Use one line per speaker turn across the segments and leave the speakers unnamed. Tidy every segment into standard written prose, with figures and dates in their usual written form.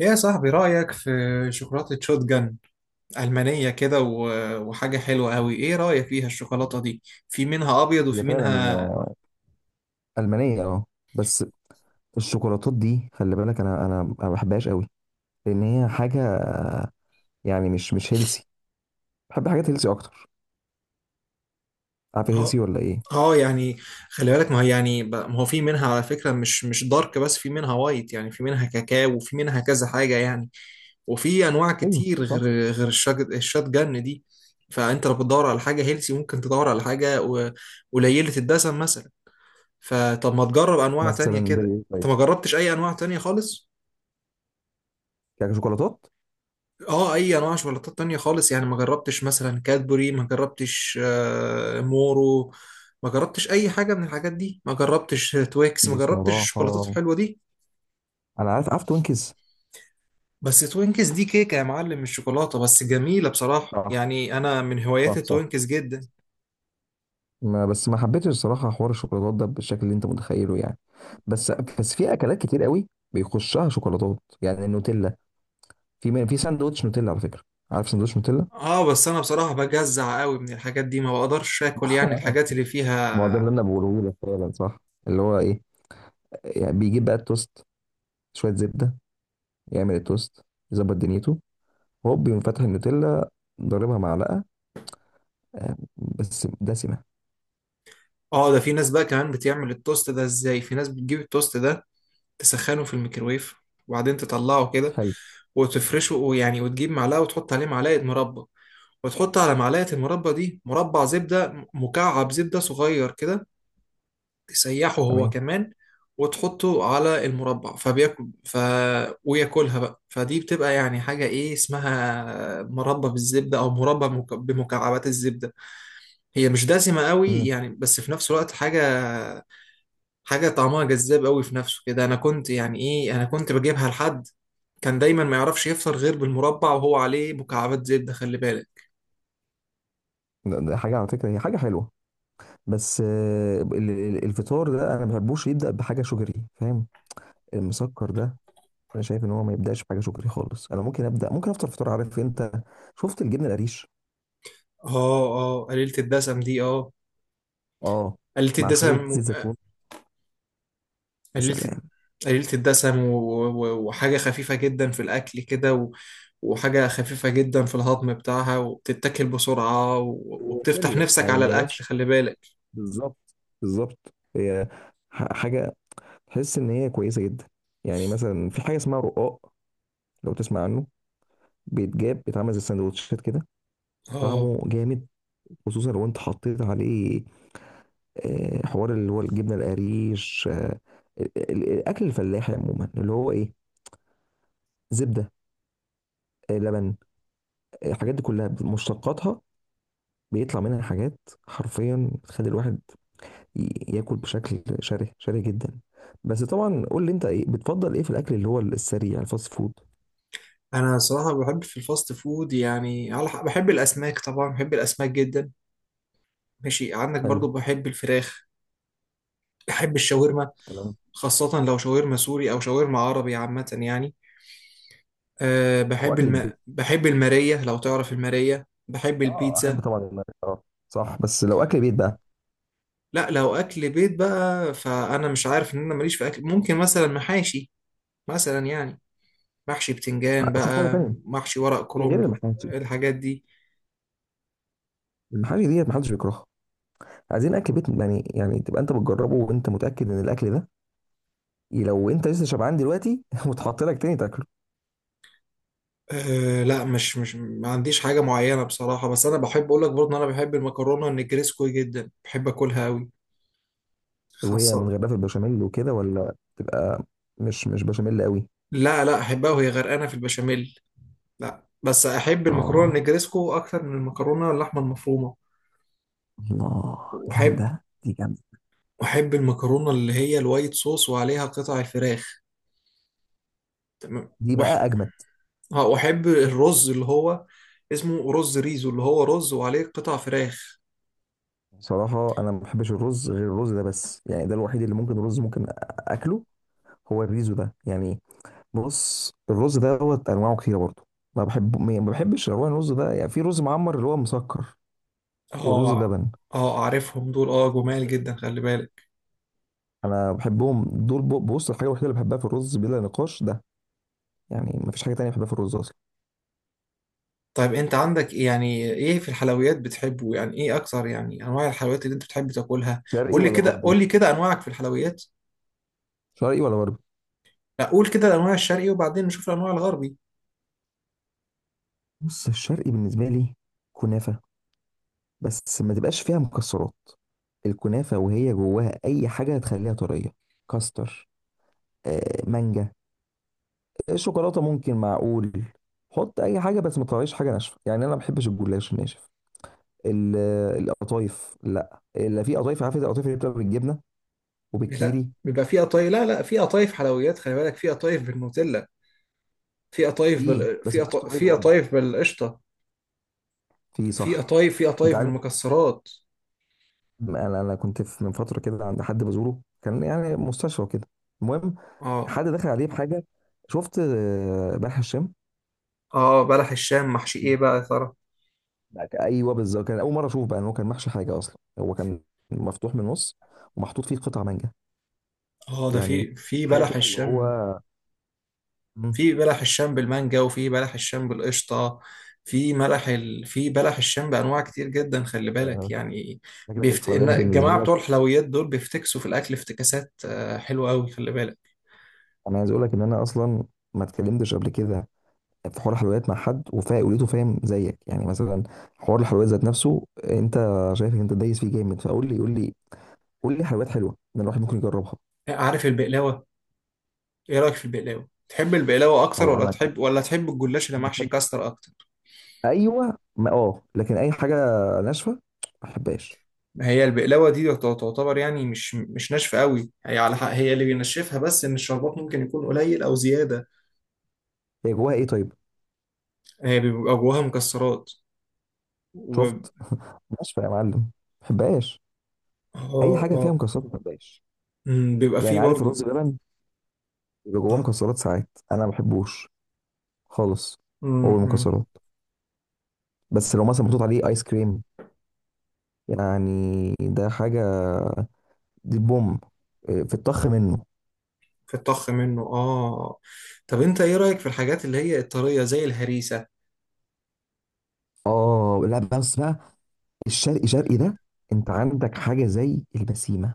ايه يا صاحبي، رأيك في شوكولاتة شوتجن ألمانية كده وحاجة حلوة أوي؟ ايه رأيك فيها الشوكولاتة دي؟ في منها أبيض
هي
وفي
فعلا
منها
ألمانية بس. الشوكولاتات دي، خلي بالك، انا ما بحبهاش قوي، لان هي حاجة، يعني مش هيلسي. بحب حاجات هيلسي اكتر. عارف
اه
هيلسي ولا ايه؟
يعني، خلي بالك، ما هي يعني ما هو في منها على فكرة، مش دارك، بس في منها وايت، يعني في منها كاكاو وفي منها كذا حاجة يعني. وفي أنواع
ايوه،
كتير
صح.
غير الشوتجن دي. فأنت لو بتدور على حاجة هيلسي، ممكن تدور على حاجة قليلة الدسم مثلا. فطب ما تجرب أنواع تانية
مثلا زي
كده؟
ايه؟
أنت
طيب.
ما جربتش أي أنواع تانية خالص؟
يعني شوكولاتات.
اه، اي انواع شوكولاتات تانية خالص يعني ما جربتش؟ مثلا كادبوري ما جربتش، مورو ما جربتش، اي حاجة من الحاجات دي ما جربتش، تويكس ما جربتش
بصراحة
الشوكولاتات الحلوة دي.
انا عارف توينكس.
بس توينكس دي كيكة يا معلم، مش شوكولاتة، بس جميلة بصراحة
صح،
يعني، انا من هوايات
صح، صح.
التوينكس جدا.
ما بس ما حبيتش الصراحة حوار الشوكولاتات ده بالشكل اللي انت متخيله، يعني. بس بس في اكلات كتير قوي بيخشها شوكولاتات، يعني النوتيلا. في ساندوتش نوتيلا على فكرة. عارف ساندوتش نوتيلا؟
اه، بس انا بصراحة بجزع قوي من الحاجات دي، ما بقدرش اكل يعني الحاجات اللي
ما هو ده
فيها.
اللي انا بقوله لك، فعلا صح. اللي هو ايه؟ يعني بيجيب بقى التوست، شويه زبده، يعمل التوست، يظبط دنيته، هوب يقوم فاتح النوتيلا، ضاربها معلقه، بس دسمه.
اه، ده في ناس بقى كمان بتعمل التوست ده ازاي، في ناس بتجيب التوست ده تسخنه في الميكرويف، وبعدين تطلعه كده
حلو.
وتفرشه، ويعني وتجيب معلقة وتحط عليه معلقة مربى، وتحط على معلقة المربى دي مربع زبدة، مكعب زبدة صغير كده تسيحه هو
تمام.
كمان، وتحطه على المربع فبياكل وياكلها بقى. فدي بتبقى يعني حاجة، ايه اسمها، مربى بالزبدة، او مربى بمكعبات الزبدة. هي مش دسمة قوي
مم.
يعني، بس في نفس الوقت حاجة، طعمها جذاب قوي في نفسه كده. أنا كنت يعني إيه، أنا كنت بجيبها لحد كان دايما ما يعرفش يفطر غير بالمربع وهو عليه مكعبات زبدة، خلي بالك.
ده حاجه على فكره، هي حاجه حلوه. بس الفطار ده انا ما بحبوش يبدا بحاجه شجري، فاهم؟ المسكر ده. انا شايف ان هو ما يبداش بحاجه شجري خالص. انا ممكن ابدا، ممكن افطر فطار، عارف انت؟ شفت الجبنه القريش؟
آه آه، قليلة الدسم دي، آه،
اه.
قليلة
مع شويه زيت
الدسم،
زيتون. يا
قليلة
سلام.
قليلة الدسم، وحاجة خفيفة جدا في الأكل كده، وحاجة خفيفة جدا في الهضم بتاعها، وبتتاكل بسرعة، وبتفتح
وشلوى
نفسك
يعني
على
ما
الأكل،
هياش.
خلي بالك.
بالظبط، بالظبط، هي حاجة تحس إن هي كويسة جدا. يعني مثلا في حاجة اسمها رقاق، لو تسمع عنه. بيتجاب، بيتعمل زي السندوتشات كده.
آه.
طعمه جامد. خصوصا لو انت حطيت عليه حوار اللي هو الجبنة القريش، الأكل الفلاحي عموما، اللي هو إيه، زبدة، لبن، الحاجات دي كلها مشتقاتها، بيطلع منها حاجات حرفيا بتخلي الواحد ياكل بشكل شره شره جدا. بس طبعا قول لي انت، ايه بتفضل، ايه في الاكل اللي هو السريع، الفاست فود؟
أنا صراحة بحب في الفاست فود، يعني بحب الأسماك طبعا، بحب الأسماك جدا، ماشي؟ عندك برضو
حلو.
بحب الفراخ، بحب الشاورما،
تمام.
خاصة لو شاورما سوري أو شاورما عربي عامة يعني. أه،
او
بحب
اكل البيت.
بحب المارية، لو تعرف المارية، بحب
اه، احب
البيتزا.
طبعا المحاشي، اه. صح، بس لو اكل بيت بقى.
لا، لو أكل بيت بقى فأنا مش عارف، إن أنا ماليش في أكل، ممكن مثلا محاشي، مثلا يعني محشي بتنجان
اشوف حاجه
بقى،
تانية.
محشي ورق
إيه غير
كرنب،
المحاشي؟
الحاجات دي.
المحاشي ديت محدش بيكرهها. عايزين اكل بيت يعني تبقى انت بتجربه وانت متاكد ان الاكل ده لو انت لسه شبعان دلوقتي وتحط لك تاني تاكله.
أه لا، مش ما عنديش حاجة معينة بصراحة، بس أنا بحب أقول لك برضه إن أنا بحب المكرونة النجريسكو جدا، بحب أكلها أوي،
وهي من
خاصة.
غير، في البشاميل وكده، ولا تبقى مش بشاميل قوي؟
لا لا، احبها وهي غرقانه في البشاميل. لا بس احب المكرونه
اه،
النجريسكو اكتر من المكرونه اللحمه المفرومه.
الله،
واحب
جامده دي، جامده.
واحب المكرونه اللي هي الوايت صوص وعليها قطع الفراخ، تمام.
دي بقى اجمد.
اه، واحب الرز اللي هو اسمه رز ريزو، اللي هو رز وعليه قطع فراخ.
صراحة أنا ما بحبش الرز غير الرز ده بس، يعني ده الوحيد اللي ممكن، الرز ممكن أكله، هو الريزو ده يعني. بص، الرز ده هو أنواعه كتيرة برضه. ما بحبش أنواع الرز ده، يعني في رز معمر اللي هو مسكر، والرز
اه
بلبن.
اه، اعرفهم دول، اه، جمال جدا، خلي بالك.
أنا بحبهم دول. بص، الحاجة الوحيدة اللي بحبها في الرز بلا نقاش ده، يعني ما فيش حاجة تانية بحبها في الرز أصلا.
طيب، انت عندك إيه يعني، ايه في الحلويات بتحبه يعني، ايه اكتر يعني، انواع الحلويات اللي انت بتحب تاكلها؟
شرقي
قول لي
ولا
كده،
غربي؟
قول لي كده انواعك في الحلويات.
شرقي ولا غربي؟
لا، قول كده الانواع الشرقي، وبعدين نشوف الانواع الغربي.
بص، الشرقي بالنسبة لي، كنافة. بس ما تبقاش فيها مكسرات. الكنافة وهي جواها أي حاجة هتخليها طرية، كاستر، مانجا، الشوكولاته ممكن، معقول. حط اي حاجه بس ما تطلعليش حاجه ناشفه، يعني انا ما بحبش الجلاش الناشف. القطايف، لا اللي في قطايف، عارف القطايف اللي بتبقى بالجبنه
لا،
وبالكيري؟
بيبقى في قطايف، لا لا، في قطايف حلويات خلي بالك، في قطايف بالنوتيلا،
في ايه، بس مش طبيعيه
في
برضه.
قطايف بالقشطه،
في، صح.
في
انت
قطايف
عارف،
بالمكسرات.
انا كنت في، من فتره كده، عند حد بزوره كان يعني مستشفى كده. المهم،
اه
حد دخل عليه بحاجه. شفت بلح الشام؟
اه، بلح الشام محشي ايه بقى يا ترى؟
ايوه بالظبط، كان اول مره اشوف بقى ان هو كان محشي حاجه اصلا، هو كان مفتوح من النص، ومحطوط فيه قطع مانجا.
اه، ده
يعني
في
حاجه
بلح
كده اللي هو.
الشام،
مم.
في بلح الشام بالمانجا، وفي بلح الشام بالقشطه، في بلح الشام بانواع كتير جدا، خلي بالك
آه،
يعني.
فكره الحلويات بالنسبه
الجماعه
لك،
بتوع الحلويات دول بيفتكسوا في الاكل افتكاسات حلوه قوي، خلي بالك.
انا عايز اقول لك ان انا اصلا ما اتكلمتش قبل كده في حوار الحلويات مع حد وفا لقيته فاهم زيك، يعني مثلا حوار الحلويات ذات نفسه، انت شايف ان انت دايس فيه جامد، فقول لي، قول لي، قول لي حلويات حلوه ان الواحد ممكن يجربها.
عارف البقلاوة؟ ايه رأيك في البقلاوة؟ تحب البقلاوة اكتر،
هو انا
ولا تحب الجلاش اللي محشي
بحب-
كاستر اكتر؟
ايوه، ما اه لكن اي حاجه ناشفه ما بحبهاش.
ما هي البقلاوة دي تعتبر يعني مش ناشفة قوي، هي على حق، هي اللي بينشفها بس ان الشربات ممكن يكون قليل او زيادة.
هي جواها ايه طيب؟
هي بيبقى جواها مكسرات اه.
شفت ناشفه يا معلم، ما بحبهاش. اي حاجه فيها
اه،
مكسرات ما بحبهاش.
بيبقى
يعني
فيه
عارف
برضو.
الرز بلبن، بيبقى جواه
آه.
مكسرات ساعات، انا ما بحبوش خالص.
أمم،
هو
أمم،
المكسرات، بس لو مثلا
أمم.
محطوط عليه ايس كريم، يعني ده حاجه، دي بوم. إيه، في الطخ منه.
في الطخ منه، اه. طب انت ايه رأيك في الحاجات اللي هي الطرية زي الهريسة؟
اه، لا، بس بقى الشرقي شرقي ده، انت عندك حاجه زي البسيمه؟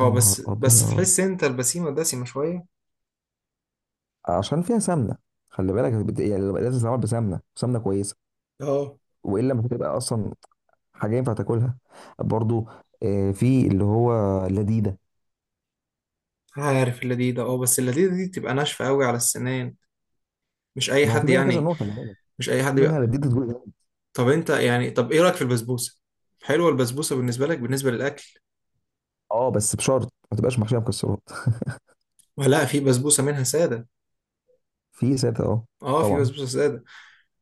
يا
بس
نهار
بس
ابيض،
تحس انت البسيمة دسمة شوية.
عشان فيها سمنه، خلي بالك، يعني لازم تتعمل بسمنه، سمنه كويسه،
اه،
والا مش هتبقى اصلا حاجه ينفع تاكلها. برضو في اللي هو لذيذه.
عارف اللذيذة، اه، بس اللذيذة دي تبقى ناشفة قوي على السنان، مش أي
ما هو في
حد
منها كذا
يعني،
نوع، خلي بالك،
مش أي
في
حد
منها
بقى.
لذيذه.
طب أنت يعني، طب إيه رأيك في البسبوسة؟ حلوة البسبوسة بالنسبة لك، بالنسبة للأكل؟
اه، بس بشرط ما تبقاش محشيه مكسرات.
ولا في بسبوسة منها سادة.
في ساده، اه.
اه، في
طبعا.
بسبوسة سادة.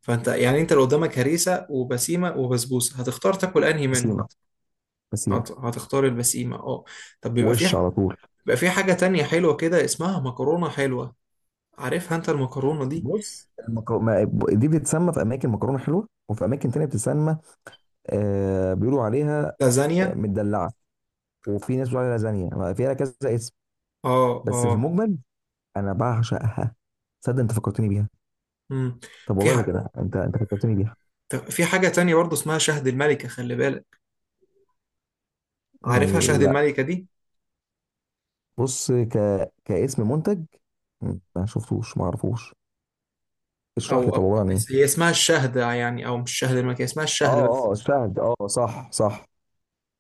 فأنت يعني، أنت لو قدامك هريسة وبسيمة وبسبوسة، هتختار تاكل أنهي منهم؟
بسيمة. بسيمه.
هتختار البسيمة، اه. طب
وش على طول.
بيبقى في حاجة تانية حلوة كده، اسمها مكرونة حلوة، عارفها أنت المكرونة دي؟
بص المك... ما... دي بتتسمى في اماكن مكرونه حلوه، وفي اماكن تانية بتتسمى، بيقولوا عليها
لازانيا،
مدلعه، وفي ناس بتقول عليها لازانيا، ما فيها كذا اسم.
اه
بس في
اه،
المجمل انا بعشقها. تصدق، انت فكرتني بيها.
مم.
طب
في
والله لا
ح...
كده، انت فكرتني بيها.
طب في حاجة تانية برضه اسمها شهد الملكة، خلي بالك، عارفها شهد
مم، لا.
الملكة دي؟
بص كاسم منتج، ما شفتوش، ما اعرفوش. اشرح لي،
أو أو-
طب عباره عن ايه؟
هي اسمها الشهدة يعني، أو مش شهد الملكة، هي اسمها الشهد
اه،
بس.
اه، الشهد، اه، صح، صح،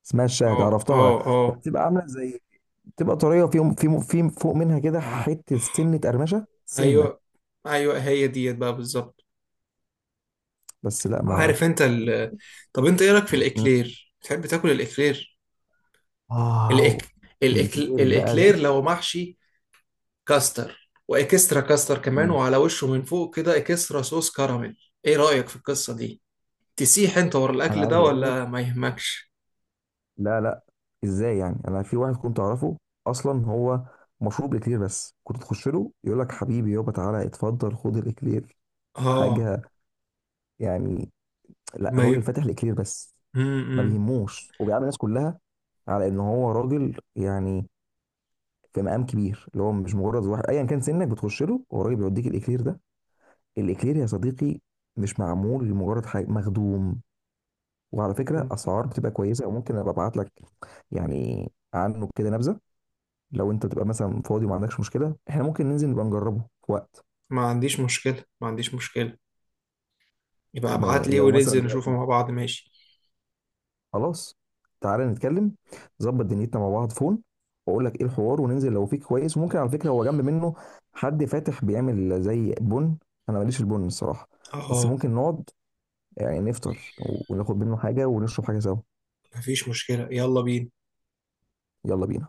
اسمها
اه
الشاهد،
اه
عرفتها.
اه،
بتبقى عامله زي، بتبقى طريه، وفي في في فوق منها كده حته سنه، قرمشه سنه.
أيوه أيوه، هي ديت بقى بالظبط.
بس لا ما.
عارف أنت طب أنت إيه رأيك في الإكلير؟ بتحب تاكل الإكلير؟
واو.
الإك...
الكبير بقى ده.
الإكلير لو محشي كاستر، وإكسترا كاستر كمان،
مم.
وعلى وشه من فوق كده إكسترا صوص كراميل، إيه رأيك في القصة دي؟ تسيح أنت ورا
انا
الأكل
عايز
ده
اقول لك،
ولا ما يهمكش؟
لا، لا، ازاي يعني؟ انا في واحد كنت اعرفه، اصلا هو مشروب اكلير بس، كنت تخش له يقول لك: حبيبي يابا تعالى اتفضل، خد الاكلير.
اه،
حاجه، يعني، لا
ما
راجل
ي...
فاتح الاكلير بس، ما
امم
بيهموش، وبيعامل الناس كلها على ان هو راجل، يعني في مقام كبير، اللي هو مش مجرد واحد، ايا كان سنك بتخش له والراجل بيوديك الاكلير ده. الاكلير يا صديقي، مش معمول لمجرد حاجه، مخدوم. وعلى فكره، اسعار بتبقى كويسه، وممكن ابقى ابعت لك يعني عنه كده نبذه. لو انت بتبقى مثلا فاضي وما عندكش مشكله، احنا ممكن ننزل نبقى نجربه في وقت.
ما عنديش مشكلة، ما عنديش مشكلة. يبقى ابعت لي
لو مثلا
وننزل نشوفه
دلوقتي،
مع بعض، ماشي.
خلاص، تعالى نتكلم، ظبط دنيتنا مع بعض، فون، واقول لك ايه الحوار، وننزل لو فيك كويس. وممكن على فكره هو جنب منه حد فاتح بيعمل زي بن. انا ماليش في البن الصراحه، بس
اه،
ممكن نقعد، يعني نفطر، وناخد منه حاجه ونشرب حاجه سوا.
مفيش مشكلة، يلا بينا.
يلا بينا.